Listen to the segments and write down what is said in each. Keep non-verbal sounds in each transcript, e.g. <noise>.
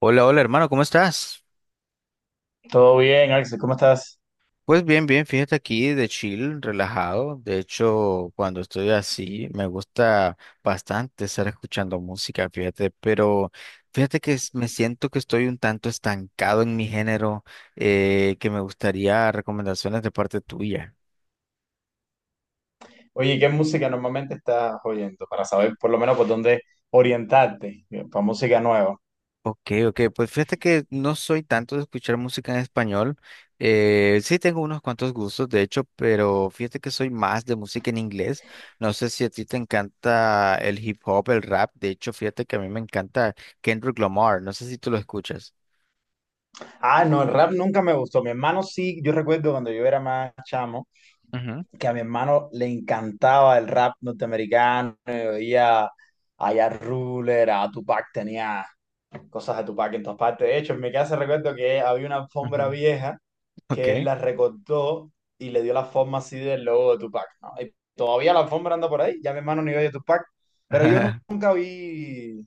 Hola, hola hermano, ¿cómo estás? Todo bien, Axel, ¿cómo estás? Pues bien, bien, fíjate aquí de chill, relajado. De hecho, cuando estoy así, me gusta bastante estar escuchando música, fíjate, pero fíjate que me siento que estoy un tanto estancado en mi género, que me gustaría recomendaciones de parte tuya. Oye, ¿qué música normalmente estás oyendo? Para saber por lo menos por dónde orientarte, para música nueva. Ok, ok, pues fíjate que no soy tanto de escuchar música en español. Sí tengo unos cuantos gustos, de hecho, pero fíjate que soy más de música en inglés. No sé si a ti te encanta el hip hop, el rap. De hecho, fíjate que a mí me encanta Kendrick Lamar. No sé si tú lo escuchas. Ah, no, el rap nunca me gustó. Mi hermano sí, yo recuerdo cuando yo era más chamo, Ujú, que a mi hermano le encantaba el rap norteamericano, oía a Ja Ruler, a Tupac tenía cosas de Tupac en todas partes. De hecho, en mi casa recuerdo que había una alfombra ujú. vieja Ok. que él la recortó y le dio la forma así del logo de Tupac, ¿no? Y todavía la alfombra anda por ahí, ya mi hermano ni oye Tupac, pero <laughs> nunca vi,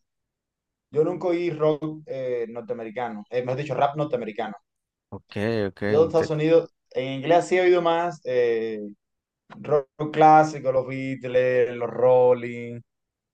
yo nunca oí rock norteamericano, mejor dicho, rap norteamericano. Ok, ok, Yo de Estados Unidos, en inglés sí he oído más rock clásico, los Beatles, los Rolling,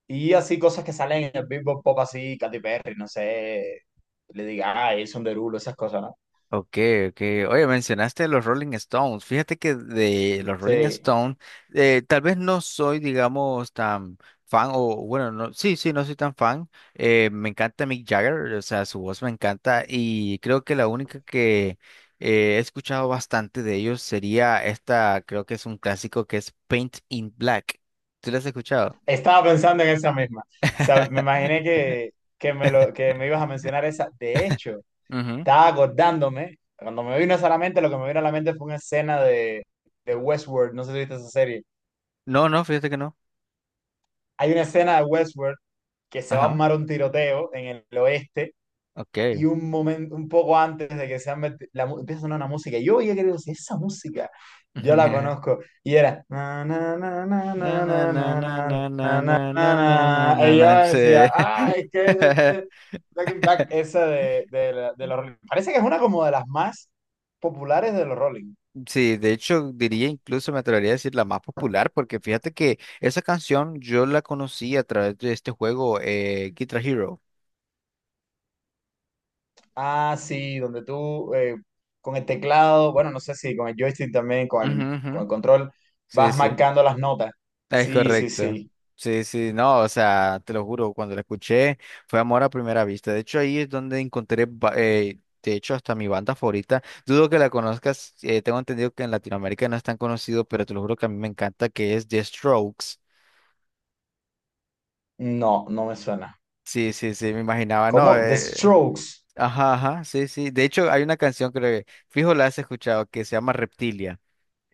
y así cosas que salen en el Billboard Pop, así, Katy Perry, no sé, le diga, ah, Jason Derulo, esas cosas, ¿no? ok, ok. Oye, mencionaste los Rolling Stones. Fíjate que de los Rolling Sí, Stones, tal vez no soy, digamos, tan fan, o bueno, no, sí, sí, no soy tan fan. Me encanta Mick Jagger, o sea, su voz me encanta y creo que la única que he escuchado bastante de ellos sería esta, creo que es un clásico que es Paint in Black. ¿Tú la has escuchado? estaba pensando en esa misma. O sea, me imaginé <laughs> que, que, me lo, que me ibas a mencionar esa. De hecho, Ujú. estaba acordándome, cuando me vino esa a la mente, lo que me vino a la mente fue una escena de Westworld, no sé si viste esa serie. No, no, fíjate que no. Hay una escena de Westworld que se va a Ajá, armar un tiroteo en el oeste y ok. un momento, un poco antes de que se han meti- la, mu- empieza a sonar una música, y yo ya creo, si esa música, yo la <laughs> conozco, y era, na, na, na, na, Na, na, na, na, na, na, na, na, na, na, na, na, na, na, na, na, na, y yo na. decía, Sí. ah, es que es <laughs> Black in Black, esa de los Rolling, parece que es una como de las más populares de los Rolling. Sí, de hecho diría incluso me atrevería a decir la más popular porque fíjate que esa canción yo la conocí a través de este juego Guitar Hero. Ah, sí, donde tú, con el teclado, bueno, no sé si con el joystick también, con Ujú, el, ujú. con el control, Sí, vas sí. marcando las notas, Es sí, sí, correcto. sí, Sí, sí, no, o sea, te lo juro, cuando la escuché fue amor a primera vista. De hecho, ahí es donde encontré, de hecho, hasta mi banda favorita. Dudo que la conozcas, tengo entendido que en Latinoamérica no es tan conocido, pero te lo juro que a mí me encanta que es The Strokes. no, no me suena. Sí, sí, sí, me imaginaba, no, ¿Cómo? The Strokes. ajá, ajá, sí, sí. De hecho, hay una canción creo que, fijo, la has escuchado, que se llama Reptilia.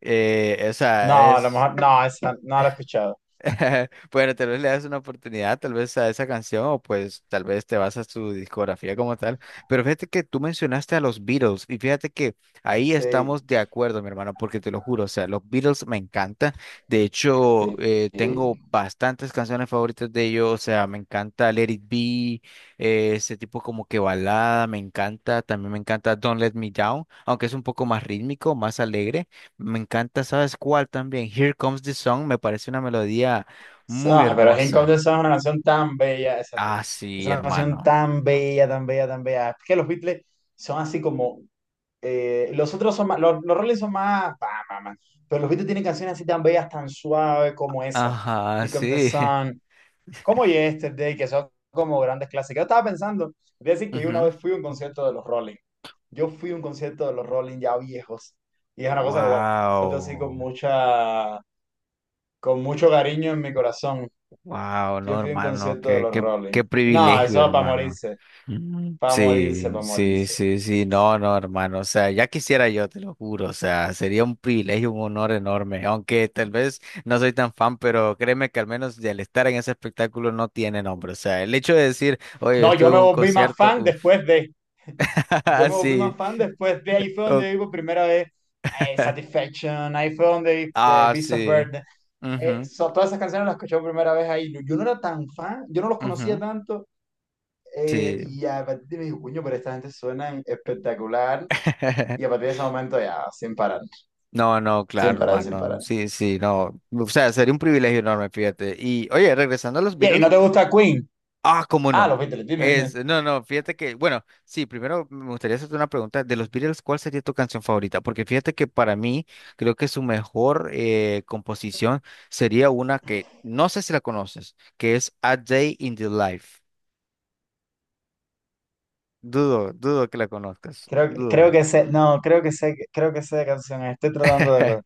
O sea, No, a lo es. mejor, no, esa no la he escuchado. <laughs> Bueno, tal vez le das una oportunidad, tal vez a esa canción, o pues tal vez te vas a su discografía como tal. Pero fíjate que tú mencionaste a los Beatles, y fíjate que ahí Sí, estamos de acuerdo, mi hermano, porque te lo juro, o sea, los Beatles me encantan. De hecho, sí, tengo bastantes canciones favoritas de ellos, o sea, me encanta Let It Be, ese tipo como que balada, me encanta. También me encanta Don't Let Me Down, aunque es un poco más rítmico, más alegre. Me encanta, ¿sabes cuál también? Here Comes the Sun me parece una melodía sí. muy Ah, pero King of hermosa. the Sun es una canción tan bella, exacto. Ah, Es sí, una canción hermano. tan bella, tan bella, tan bella. Es que los Beatles son así como, los otros son más. Los Rolling son más, pa, pa, pa. Pero los Beatles tienen canciones así tan bellas, tan suaves como esa. Ajá, Here Comes the sí. Sun, como Yesterday, que son como grandes clásicos. Yo estaba pensando decir que yo una vez fui <laughs> a un concierto de los Rolling. Yo fui a un concierto de los Rolling ya viejos. Y es una cosa que guardo así con Wow. Con mucho cariño en mi corazón. Wow, Yo no, fui a un hermano, concierto de qué, los qué, qué Rolling. No, privilegio, eso para hermano. morirse, Mm. para morirse, Sí, para sí, morirse. sí, sí, Morirse. no, no, hermano, o sea, ya quisiera yo, te lo juro, o sea, sería un privilegio, un honor enorme, aunque tal vez no soy tan fan, pero créeme que al menos el estar en ese espectáculo no tiene nombre, o sea, el hecho de decir, oye, No, estuve yo en me un volví más concierto, fan uff, después de. <laughs> Yo <laughs> me volví más sí, fan después de. Ahí fue o- donde vi por primera vez <laughs> Satisfaction, ahí fue donde vi ah, Beast of sí, Burden. Mhm, Todas esas canciones las escuché por primera vez ahí. Yo no era tan fan, yo no los conocía mhm, tanto, sí. y a partir de me dije: "Coño, pero esta gente suena espectacular". Y a <laughs> partir de ese momento ya, sin parar, No, no, sin claro, parar, sin hermano. parar. Sí, sí, no. O sea, sería un privilegio enorme, fíjate. Y oye, regresando a los Oye, ¿y no Beatles, te gusta Queen? ah, cómo Ah, no. los Beatles, dime, dime. No, no, fíjate que, bueno, sí, primero me gustaría hacerte una pregunta. De los Beatles, ¿cuál sería tu canción favorita? Porque fíjate que para mí, creo que su mejor composición sería una que no sé si la conoces, que es A Day in the Life. Dudo, dudo que la conozcas. Creo creo Dudo. que sé, no, creo que sé de canción. Estoy tratando de <laughs>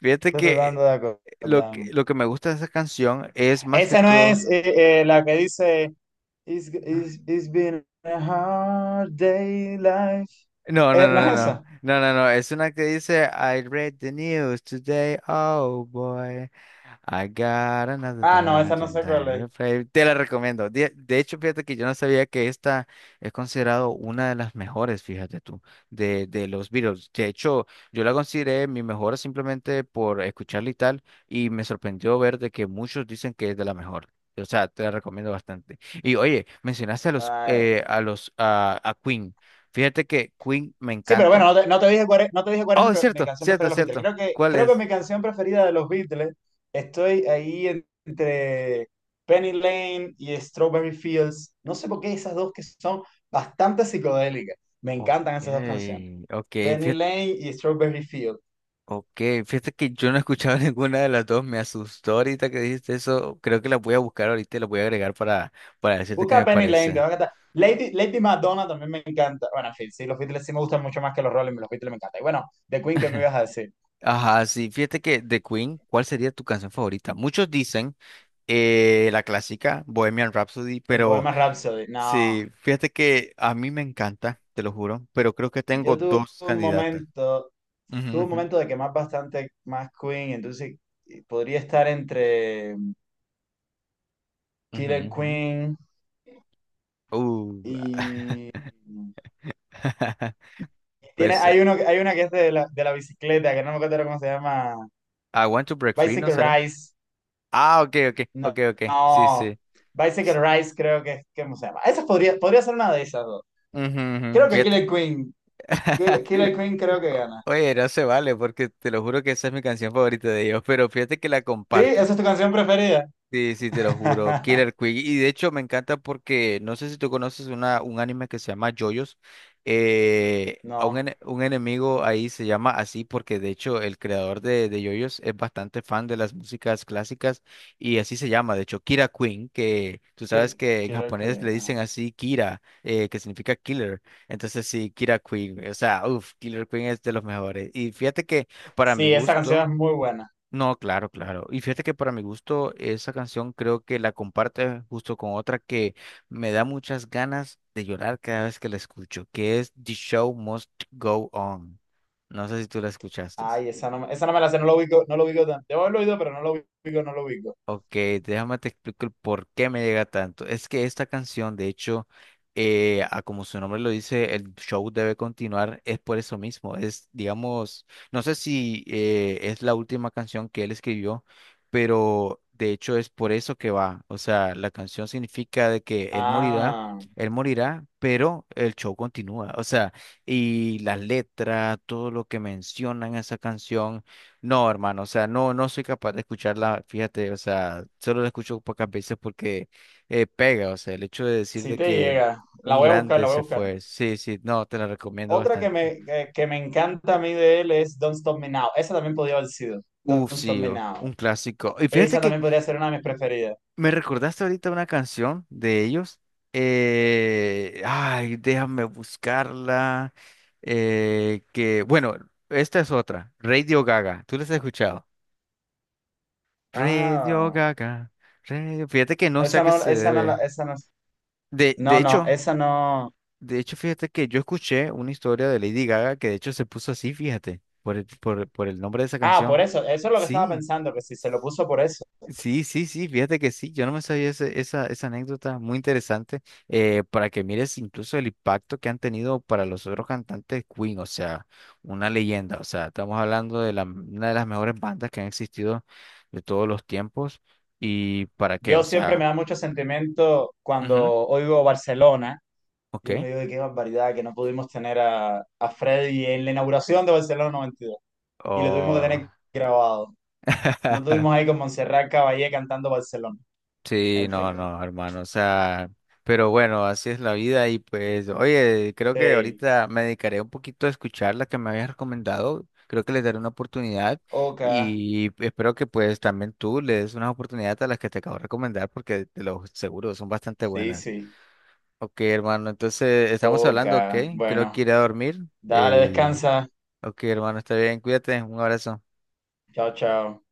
Fíjate estoy que tratando de lo que, acordarme. lo que me gusta de esa canción es más que Esa no todo. es la que dice it's been a hard day life. No, no, no, ¿No es no, esa? no, no, no, es una que dice, I read the news today, oh boy, I got another Ah, no, esa no sé cuál es. Play". Te la recomiendo. De hecho, fíjate que yo no sabía que esta es considerado una de las mejores, fíjate tú, de los Beatles. De hecho, yo la consideré mi mejor simplemente por escucharla y tal, y me sorprendió ver de que muchos dicen que es de la mejor. O sea, te la recomiendo bastante. Y oye, mencionaste a los, Ay. A los, a Queen. Fíjate que Queen me Sí, pero bueno, encanta. No te dije cuál es, no te dije cuál es Oh, es mi cierto, canción preferida cierto, de los Beatles. cierto. ¿Cuál Creo que es? mi canción preferida de los Beatles estoy ahí entre Penny Lane y Strawberry Fields. No sé por qué esas dos que son bastante psicodélicas. Me Ok, encantan esas dos canciones. ok, Penny fíjate, Lane y Strawberry Fields. okay, fíjate que yo no he escuchado <laughs> ninguna de las dos. Me asustó ahorita que dijiste eso. Creo que la voy a buscar ahorita y la voy a agregar para decirte qué Busca me Penny Lane, te parece. va a encantar. Lady, Lady Madonna también me encanta. Bueno, en fin, sí, los Beatles sí me gustan mucho más que los Rolling, los Beatles me encantan. Y bueno, The Queen, ¿qué me <laughs> ibas a decir? Ajá, sí, fíjate que de Queen, ¿cuál sería tu canción favorita? Muchos dicen la clásica Bohemian Rhapsody, El pero Bohemian Rhapsody. No, sí, fíjate que a mí me encanta, te lo juro, pero creo que yo tengo dos candidatas. Ujú, tuve un ujú, momento de quemar bastante más Queen, entonces podría estar entre mm, ujú, Killer ujú. Queen Uh, y... <laughs> y tiene, pues hay, uno, hay una que es de la bicicleta, que no me acuerdo cómo se llama. I want to break free, ¿no Bicycle será? Rise. Ah, ok, ok, No, ok, ok. Sí, no. sí. Bicycle Sí. Rise creo que es, que ¿cómo se llama? Esa podría, podría ser una de esas dos. Ujú, ujú. Creo que Fíjate. Killer Queen. <laughs> Killer Queen creo que gana. Oye, no se vale porque te lo juro que esa es mi canción favorita de ellos, pero fíjate que la ¿Sí? comparten. ¿Esa es tu canción preferida? Sí, sí, te lo juro. <laughs> Killer Queen. Y de hecho me encanta porque no sé si tú conoces un anime que se llama JoJo's. A un, No. ene- un enemigo ahí se llama así porque de hecho el creador de JoJo's es bastante fan de las músicas clásicas y así se llama. De hecho, Kira Queen, que tú sabes Kill- que en Killer japonés Queen, le dicen ah. así Kira, que significa killer. Entonces sí, Kira Queen. O sea, uff, Killer Queen es de los mejores. Y fíjate que para mi Sí, esa gusto. canción es muy buena. No, claro, claro. Y fíjate que para mi gusto esa canción creo que la comparte justo con otra que me da muchas ganas de llorar cada vez que la escucho, que es The Show Must Go On. No sé si tú la escuchaste. Ay, esa no, esa no me la sé, no lo ubico, no lo ubico tanto. Debo haberlo oído, pero no lo ubico, no lo ubico. Ok, déjame te explico el por qué me llega tanto. Es que esta canción, de hecho, a como su nombre lo dice, el show debe continuar, es por eso mismo. Es, digamos, no sé si es la última canción que él escribió, pero de hecho es por eso que va. O sea, la canción significa de que Ah, él morirá, pero el show continúa. O sea, y las letras, todo lo que mencionan esa canción. No, hermano, o sea, no, no soy capaz de escucharla, fíjate, o sea, solo la escucho pocas veces porque pega, o sea, el hecho de decir sí de te que llega. La un voy a buscar, grande la voy a se buscar. fue, sí, sí, no, te la recomiendo Otra que bastante. Que me encanta a mí de él es Don't Stop Me Now. Esa también podía haber sido. Don't Uf, Stop sí, Me Now. un clásico. Y fíjate Esa que también podría ser una de mis preferidas. me recordaste ahorita una canción de ellos, ay, déjame buscarla, que, bueno, esta es otra, Radio Gaga, ¿tú la has escuchado? Radio Ah, Gaga, fíjate que no sé a esa qué no, se esa no, debe. esa no. De, de No, no, hecho, esa no. de hecho, fíjate que yo escuché una historia de Lady Gaga que de hecho se puso así, fíjate, por el nombre de esa Ah, por canción. eso, eso es lo que estaba Sí, pensando, que si se lo puso por eso. sí, sí, sí, fíjate que sí, yo no me sabía esa anécdota, muy interesante, para que mires incluso el impacto que han tenido para los otros cantantes Queen, o sea, una leyenda, o sea, estamos hablando de una de las mejores bandas que han existido de todos los tiempos, y para qué, Yo o siempre me sea, da mucho sentimiento cuando ujú, oigo Barcelona, y ok, yo me digo: "Ay, qué barbaridad que no pudimos tener a Freddy en la inauguración de Barcelona 92, y dos, y lo tuvimos que oh. tener grabado. No tuvimos ahí <laughs> con Montserrat Caballé cantando Barcelona". Sí, En no, fin, no, hermano, o sea, pero bueno, así es la vida y pues, oye, creo que sí, ahorita me dedicaré un poquito a escuchar la que me habías recomendado, creo que les daré una oportunidad ok, y espero que pues también tú le des una oportunidad a las que te acabo de recomendar porque te lo seguro, son bastante sí, buenas. sí, Ok, hermano, entonces estamos ok, hablando, ok, creo que bueno, iré a dormir dale, eh, descansa. ok, hermano, está bien, cuídate, un abrazo. Chao, chao.